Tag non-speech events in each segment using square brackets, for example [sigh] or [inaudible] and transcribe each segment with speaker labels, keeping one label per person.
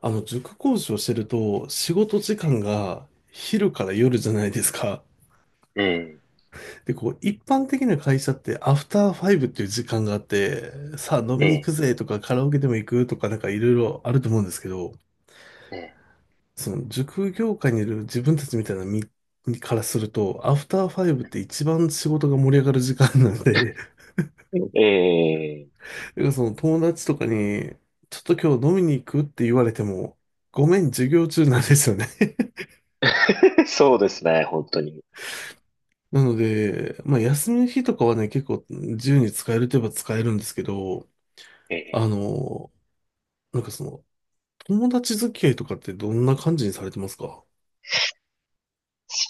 Speaker 1: 塾講師をしてると、仕事時間が昼から夜じゃないですか。
Speaker 2: ええ、
Speaker 1: で、こう、一般的な会社って、アフターファイブっていう時間があって、さあ飲み
Speaker 2: え
Speaker 1: に行く
Speaker 2: え、
Speaker 1: ぜとか、カラオケでも行くとか、なんかいろいろあると思うんですけど、
Speaker 2: え
Speaker 1: 塾業界にいる自分たちみたいな身からすると、アフターファイブって一番仕事が盛り上がる時間なんで、[laughs]
Speaker 2: ええ
Speaker 1: だから友達とかに、ちょっと今日飲みに行くって言われても、ごめん、授業中なんですよね。
Speaker 2: え、[laughs] そうですね、本当に。
Speaker 1: なので、まあ、休みの日とかはね、結構自由に使えるといえば使えるんですけど、
Speaker 2: え、
Speaker 1: あ
Speaker 2: え、
Speaker 1: の、なんかその、友達付き合いとかってどんな感じにされてますか？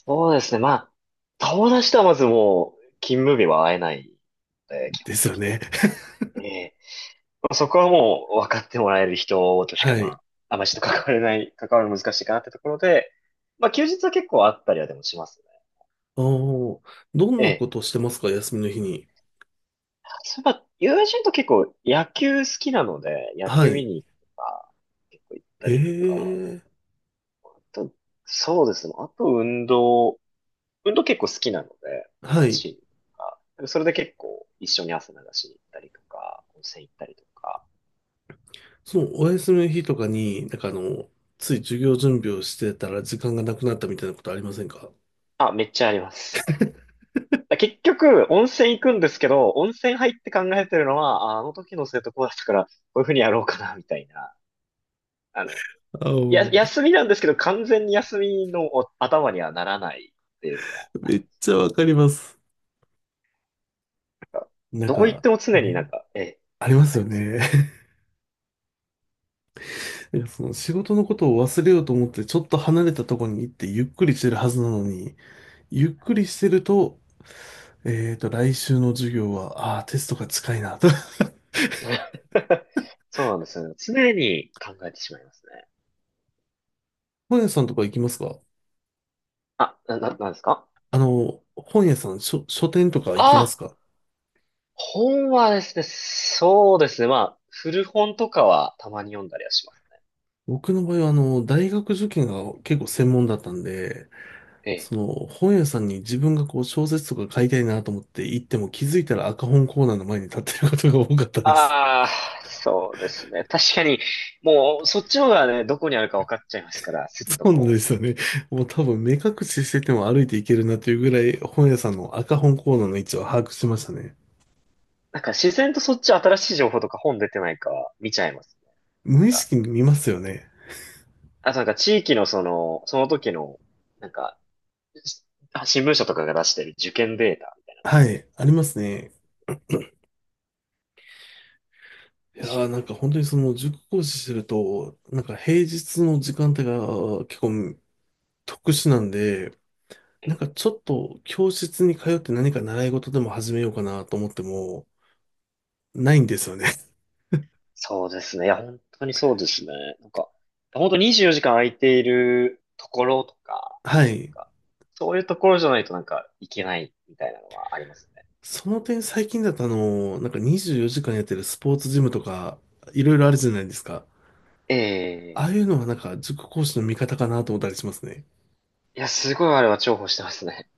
Speaker 2: そうですね、まあ、友達とはまずもう、勤務日は会えないので、基
Speaker 1: で
Speaker 2: 本
Speaker 1: すよ
Speaker 2: 的
Speaker 1: ね。
Speaker 2: に。
Speaker 1: [laughs]
Speaker 2: ええ、まあそこはもう、分かってもらえる人としか、
Speaker 1: は
Speaker 2: ま
Speaker 1: い。
Speaker 2: あ、あまりちょっと関われない、関わるの難しいかなってところで、まあ、休日は結構あったりはでもしますね。
Speaker 1: ああ、どん
Speaker 2: え
Speaker 1: なこ
Speaker 2: え。
Speaker 1: としてますか、休みの日に。
Speaker 2: そういえば、友人と結構野球好きなので、野
Speaker 1: は
Speaker 2: 球見
Speaker 1: い。
Speaker 2: に行くとか、結構行った
Speaker 1: へ
Speaker 2: りとか、
Speaker 1: え。
Speaker 2: あと、そうですね、あと運動、運動結構好きなので、
Speaker 1: はい。
Speaker 2: 走るとか、それで結構一緒に汗流しに行ったりとか、温泉行ったりとか、
Speaker 1: その、お休みの日とかに、つい授業準備をしてたら時間がなくなったみたいなことありませんか？
Speaker 2: あ、めっちゃあります。結局、温泉行くんですけど、温泉入って考えてるのは、ああの時の生徒こうだったから、こういうふうにやろうかな、みたいな。あの、
Speaker 1: ああ、
Speaker 2: や、休みなんですけど、完全に休みのお頭にはならないっていうのはあ
Speaker 1: め
Speaker 2: り
Speaker 1: っ
Speaker 2: ます。
Speaker 1: ちゃわかります。なん
Speaker 2: どこ行っ
Speaker 1: か、
Speaker 2: ても常にな
Speaker 1: ね
Speaker 2: んか、ええ、
Speaker 1: ありま
Speaker 2: あ
Speaker 1: すよ
Speaker 2: りますね。
Speaker 1: ね。[laughs] いやその仕事のことを忘れようと思って、ちょっと離れたところに行ってゆっくりしてるはずなのに、ゆっくりしてると、来週の授業は、ああ、テストが近いなと。
Speaker 2: [laughs] そうなんですよね。常に考えてしまいますね。
Speaker 1: [laughs] 本屋さんとか行きますか？
Speaker 2: あ、なんですか。
Speaker 1: 本屋さん、書店とか行きます
Speaker 2: ああ、
Speaker 1: か？
Speaker 2: 本はですね、そうですね。まあ、古本とかはたまに読んだりはしますね。
Speaker 1: 僕の場合は、大学受験が結構専門だったんで、
Speaker 2: ええ。
Speaker 1: 本屋さんに自分がこう、小説とか買いたいなと思って行っても気づいたら赤本コーナーの前に立ってることが多かったです。
Speaker 2: ああ、そうですね。確かに、もう、そっちの方がね、どこにあるか分かっちゃいますから、すっと
Speaker 1: そうなんで
Speaker 2: こう。
Speaker 1: すよね。もう多分目隠ししてても歩いていけるなというぐらい本屋さんの赤本コーナーの位置を把握しましたね。
Speaker 2: なんか自然とそっち新しい情報とか本出てないかは見ちゃいます。
Speaker 1: 無意
Speaker 2: なんか、
Speaker 1: 識に見ますよね。
Speaker 2: あとなんか地域のその、その時の、なんか、しあ、新聞社とかが出してる受験データみ
Speaker 1: はい、ありますね。いやーなんか本当にその塾講師してると、なんか平日の時間帯が結構特殊なんで、
Speaker 2: た
Speaker 1: なん
Speaker 2: いな。
Speaker 1: かちょっと教室に通って何か習い事でも始めようかなと思っても、ないんですよね。
Speaker 2: そうですね。いや、本当にそうですね。なんか、本当24時間空いているところとか、
Speaker 1: [laughs] は
Speaker 2: なん
Speaker 1: い。
Speaker 2: か、そういうところじゃないとなんか、いけないみたいなのはありますね。
Speaker 1: その点最近だとあの、なんか24時間やってるスポーツジムとか、いろいろあるじゃないですか。あ
Speaker 2: ええ、
Speaker 1: あいうのはなんか塾講師の味方かなと思ったりしますね。
Speaker 2: いや、すごいあれは重宝してますね。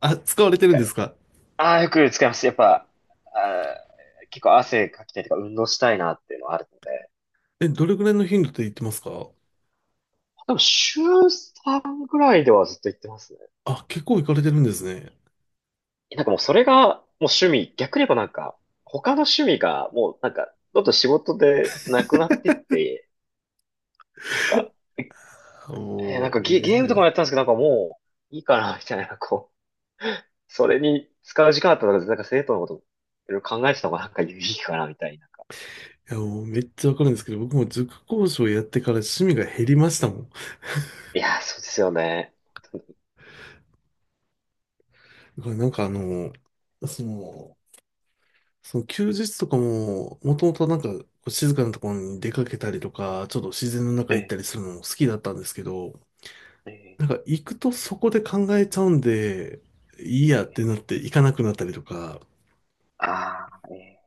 Speaker 1: あ、使われ
Speaker 2: [laughs] な
Speaker 1: て
Speaker 2: ん
Speaker 1: るん
Speaker 2: か、
Speaker 1: ですか？
Speaker 2: ああ、よく使います。やっぱ、あー結構汗かきたいとか、運動したいなっていうのはあるので。
Speaker 1: え、どれぐらいの頻度で言ってますか？
Speaker 2: でも、週3ぐらいではずっと行ってますね。
Speaker 1: あ、結構行かれてるんですね。
Speaker 2: なんかもうそれがもう趣味、逆に言えばなんか、他の趣味がもうなんか、どんどん仕事でなくなってって、なんか、なん
Speaker 1: も
Speaker 2: か
Speaker 1: う、
Speaker 2: ゲ、
Speaker 1: め、い
Speaker 2: ゲームとかもやってたんですけど、なんかもういいかな、みたいな、こう、それに使う時間あったら、なんか生徒のこといろいろ考えてた方がなんかいいかな、みたいな。
Speaker 1: やもうめっちゃわかるんですけど、僕も塾講師をやってから趣味が減りましたもん。だ
Speaker 2: いやー、そうですよね。
Speaker 1: からその、その休日とかも、もともとなんかこう静かなところに出かけたりとか、ちょっと自然の中
Speaker 2: え
Speaker 1: 行っ
Speaker 2: え、
Speaker 1: たりするのも好きだったんですけど、
Speaker 2: え
Speaker 1: なんか行くとそこで考えちゃうんで、いいやっ
Speaker 2: え、
Speaker 1: てなって行かなくなったりとか、
Speaker 2: あああ、ええ、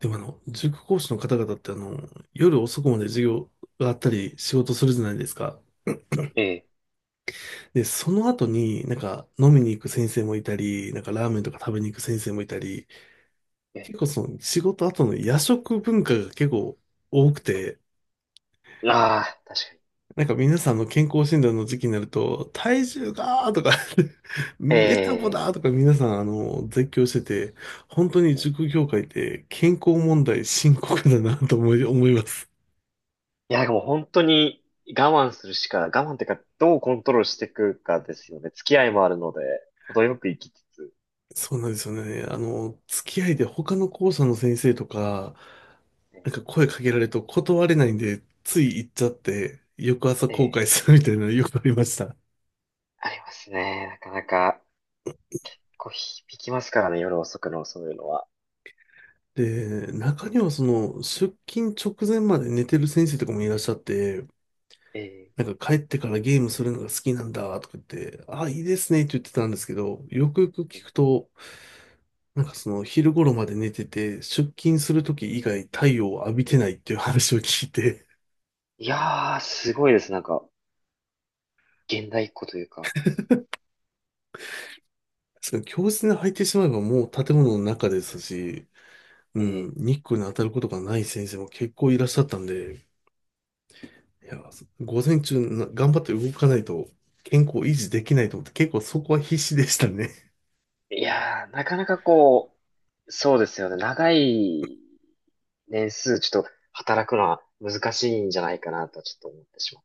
Speaker 1: でも塾講師の方々って夜遅くまで授業があったり仕事するじゃないですか。
Speaker 2: え
Speaker 1: で、その後になんか飲みに行く先生もいたり、なんかラーメンとか食べに行く先生もいたり、
Speaker 2: え、え
Speaker 1: 結構その仕事後の夜食文化が結構多くて、
Speaker 2: え、ああ、確かに。
Speaker 1: なんか皆さんの健康診断の時期になると、体重がーとか [laughs] メタボ
Speaker 2: ええ、
Speaker 1: だーとか皆さんあの、絶叫してて、本当に
Speaker 2: ええ、
Speaker 1: 塾業界って健康問題深刻だなと思います。
Speaker 2: いや、もう本当に我慢するしか、我慢っていうか、どうコントロールしていくかですよね。付き合いもあるので、程よく生きつつ。
Speaker 1: そうなんですよね。あの、付き合いで他の校舎の先生とか、
Speaker 2: え
Speaker 1: な
Speaker 2: え、
Speaker 1: んか声かけられると断れないんで、つい行っちゃって、翌朝後
Speaker 2: ええ、
Speaker 1: 悔するみたいなの [laughs] よくありました。
Speaker 2: ありますね。なかなか、こう、響きますからね、夜遅くのそういうのは。
Speaker 1: で、中にはその、出勤直前まで寝てる先生とかもいらっしゃって、
Speaker 2: ええ、
Speaker 1: なんか帰ってからゲームするのが好きなんだとか言って、ああ、いいですねって言ってたんですけど、よくよく
Speaker 2: え
Speaker 1: 聞
Speaker 2: え、
Speaker 1: くと、なんかその昼頃まで寝てて、出勤する時以外太陽を浴びてないっていう話を聞いて、
Speaker 2: いやー、すごいです。なんか、現代っ子というか。
Speaker 1: そう強靭に入ってしまえばもう建物の中ですし、うん、
Speaker 2: え
Speaker 1: 日光に当たることがない先生も結構いらっしゃったんで、いや、午前中な頑張って動かないと健康維持できないと思って結構そこは必死でしたね。
Speaker 2: え、いやー、なかなかこう、そうですよね。長い年数、ちょっと働くのは難しいんじゃないかなと、ちょっと思ってしまう。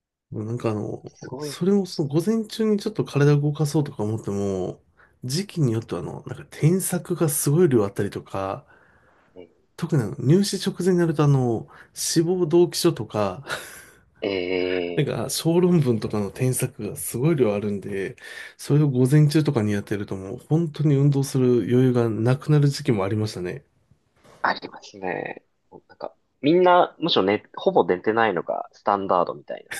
Speaker 1: [laughs] もうなんかあの、
Speaker 2: すごい。
Speaker 1: それもその午前中にちょっと体を動かそうとか思っても、時期によってはあの、なんか添削がすごい量あったりとか、
Speaker 2: え
Speaker 1: 特にあの入試直前になるとあの、志望動機書とか、
Speaker 2: え、
Speaker 1: なん
Speaker 2: え、
Speaker 1: か、小論文とかの添削がすごい量あるんで、それを午前中とかにやってるともう本当に運動する余裕がなくなる時期もありましたね。
Speaker 2: ありますね。なんか、みんな、むしろね、ほぼ寝てないのがスタンダードみたいな。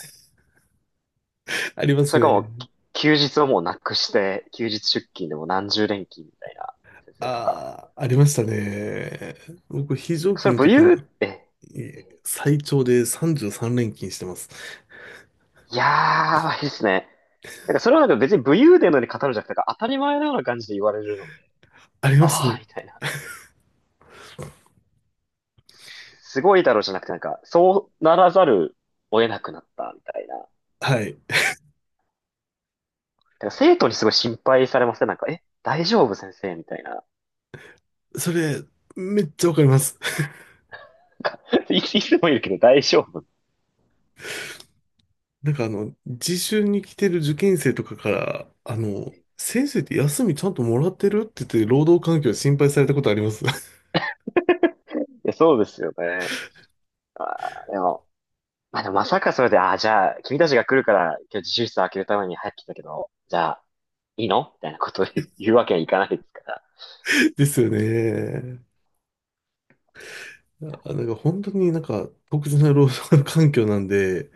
Speaker 1: [laughs] あります
Speaker 2: それかも
Speaker 1: ね。
Speaker 2: う、休日をもうなくして、休日出勤でも何十連勤みたいな先生とか。
Speaker 1: ああ、ありましたね。僕、非常
Speaker 2: そ
Speaker 1: 勤
Speaker 2: れ
Speaker 1: の
Speaker 2: 武
Speaker 1: 時に
Speaker 2: 勇って、え、
Speaker 1: 最長で33連勤してます。
Speaker 2: いやー、いいですね。なんかそれはなんか別に武勇伝のように語るんじゃなくて、なんか当たり前のような感じで言われるので、
Speaker 1: あります
Speaker 2: ああ、
Speaker 1: ね。
Speaker 2: みたいな。すごいだろうじゃなくて、なんか、そうならざるを得なくなった、みたいな。なん
Speaker 1: はい。
Speaker 2: か生徒にすごい心配されません、なんか、え、大丈夫先生みたいな。
Speaker 1: それ、めっちゃわかります。
Speaker 2: い [laughs] つもいるけど大丈夫。い
Speaker 1: なんかあの、自習に来てる受験生とかから、あの、先生って休みちゃんともらってるって言って、労働環境心配されたことあります。
Speaker 2: や、そうですよね。あーでも、まあでもまさかそれで、あーじゃあ、君たちが来るから、今日自習室を開けるために入ってきたけど、じゃあ、いいのみたいなことを [laughs] 言うわけにはいかないですから。
Speaker 1: ですよね。あ、なんか本当になんか特殊な労働環境なんで、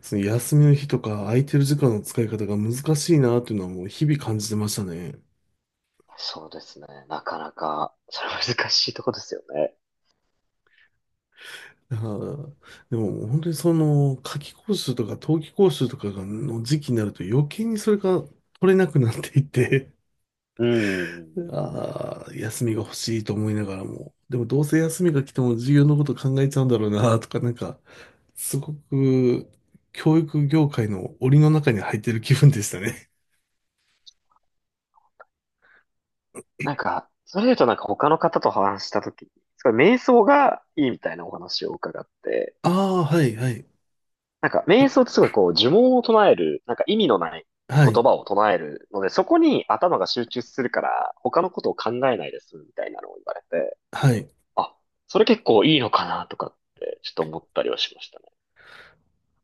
Speaker 1: その休みの日とか空いてる時間の使い方が難しいなっていうのはもう日々感じてましたね。
Speaker 2: そうですね。なかなか、それは難しいとこですよね。
Speaker 1: はあでももう本当にその夏季講習とか冬季講習とかがの時期になると余計にそれが取れなくなっていて
Speaker 2: うん。
Speaker 1: ああ、休みが欲しいと思いながらも、でもどうせ休みが来ても授業のこと考えちゃうんだろうなとか、なんか、すごく教育業界の檻の中に入ってる気分でしたね。
Speaker 2: なんか、それで言うとなんか他の方と話したとき、すごい瞑想がいいみたいなお話を伺って、
Speaker 1: ああ、はい、はい、
Speaker 2: なんか、瞑想ってすごいこう、呪文を唱える、なんか意味のない
Speaker 1: はい、
Speaker 2: 言葉を唱えるので、そこに頭が集中するから、他のことを考えないです、みたいなのを言われて、
Speaker 1: はい。
Speaker 2: あ、それ結構いいのかな、とかって、ちょっと思ったりはしましたね。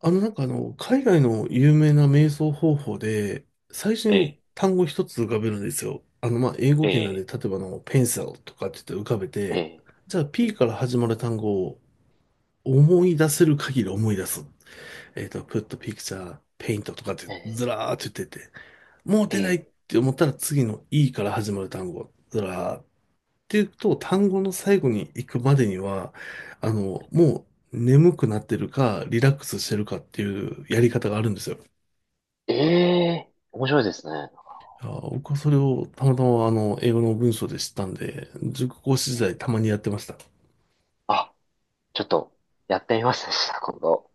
Speaker 1: あの、海外の有名な瞑想方法で、最初
Speaker 2: え
Speaker 1: に
Speaker 2: え、
Speaker 1: 単語一つ浮かべるんですよ。あの、まあ、英語
Speaker 2: え
Speaker 1: 圏なんで、
Speaker 2: え、
Speaker 1: 例えばあの、ペンサルとかって言って浮かべ
Speaker 2: え
Speaker 1: て、
Speaker 2: え、
Speaker 1: じゃあ P から始まる単語を思い出せる限り思い出す。Put picture, paint とかって
Speaker 2: え
Speaker 1: ず
Speaker 2: え、
Speaker 1: らーって言ってて、もう出ない
Speaker 2: え
Speaker 1: って思ったら次の E から始まる単語、ずらーっていうと、単語の最後に行くまでには、あの、もう眠くなってるか、リラックスしてるかっていうやり方があるんですよ。
Speaker 2: え、ええ、面白いですね。
Speaker 1: いやー僕はそれをたまたまあの、英語の文章で知ったんで、塾講師時
Speaker 2: ええ、
Speaker 1: 代たまにやってました。
Speaker 2: あ、ちょっと、やってみますねした、[laughs] 今度。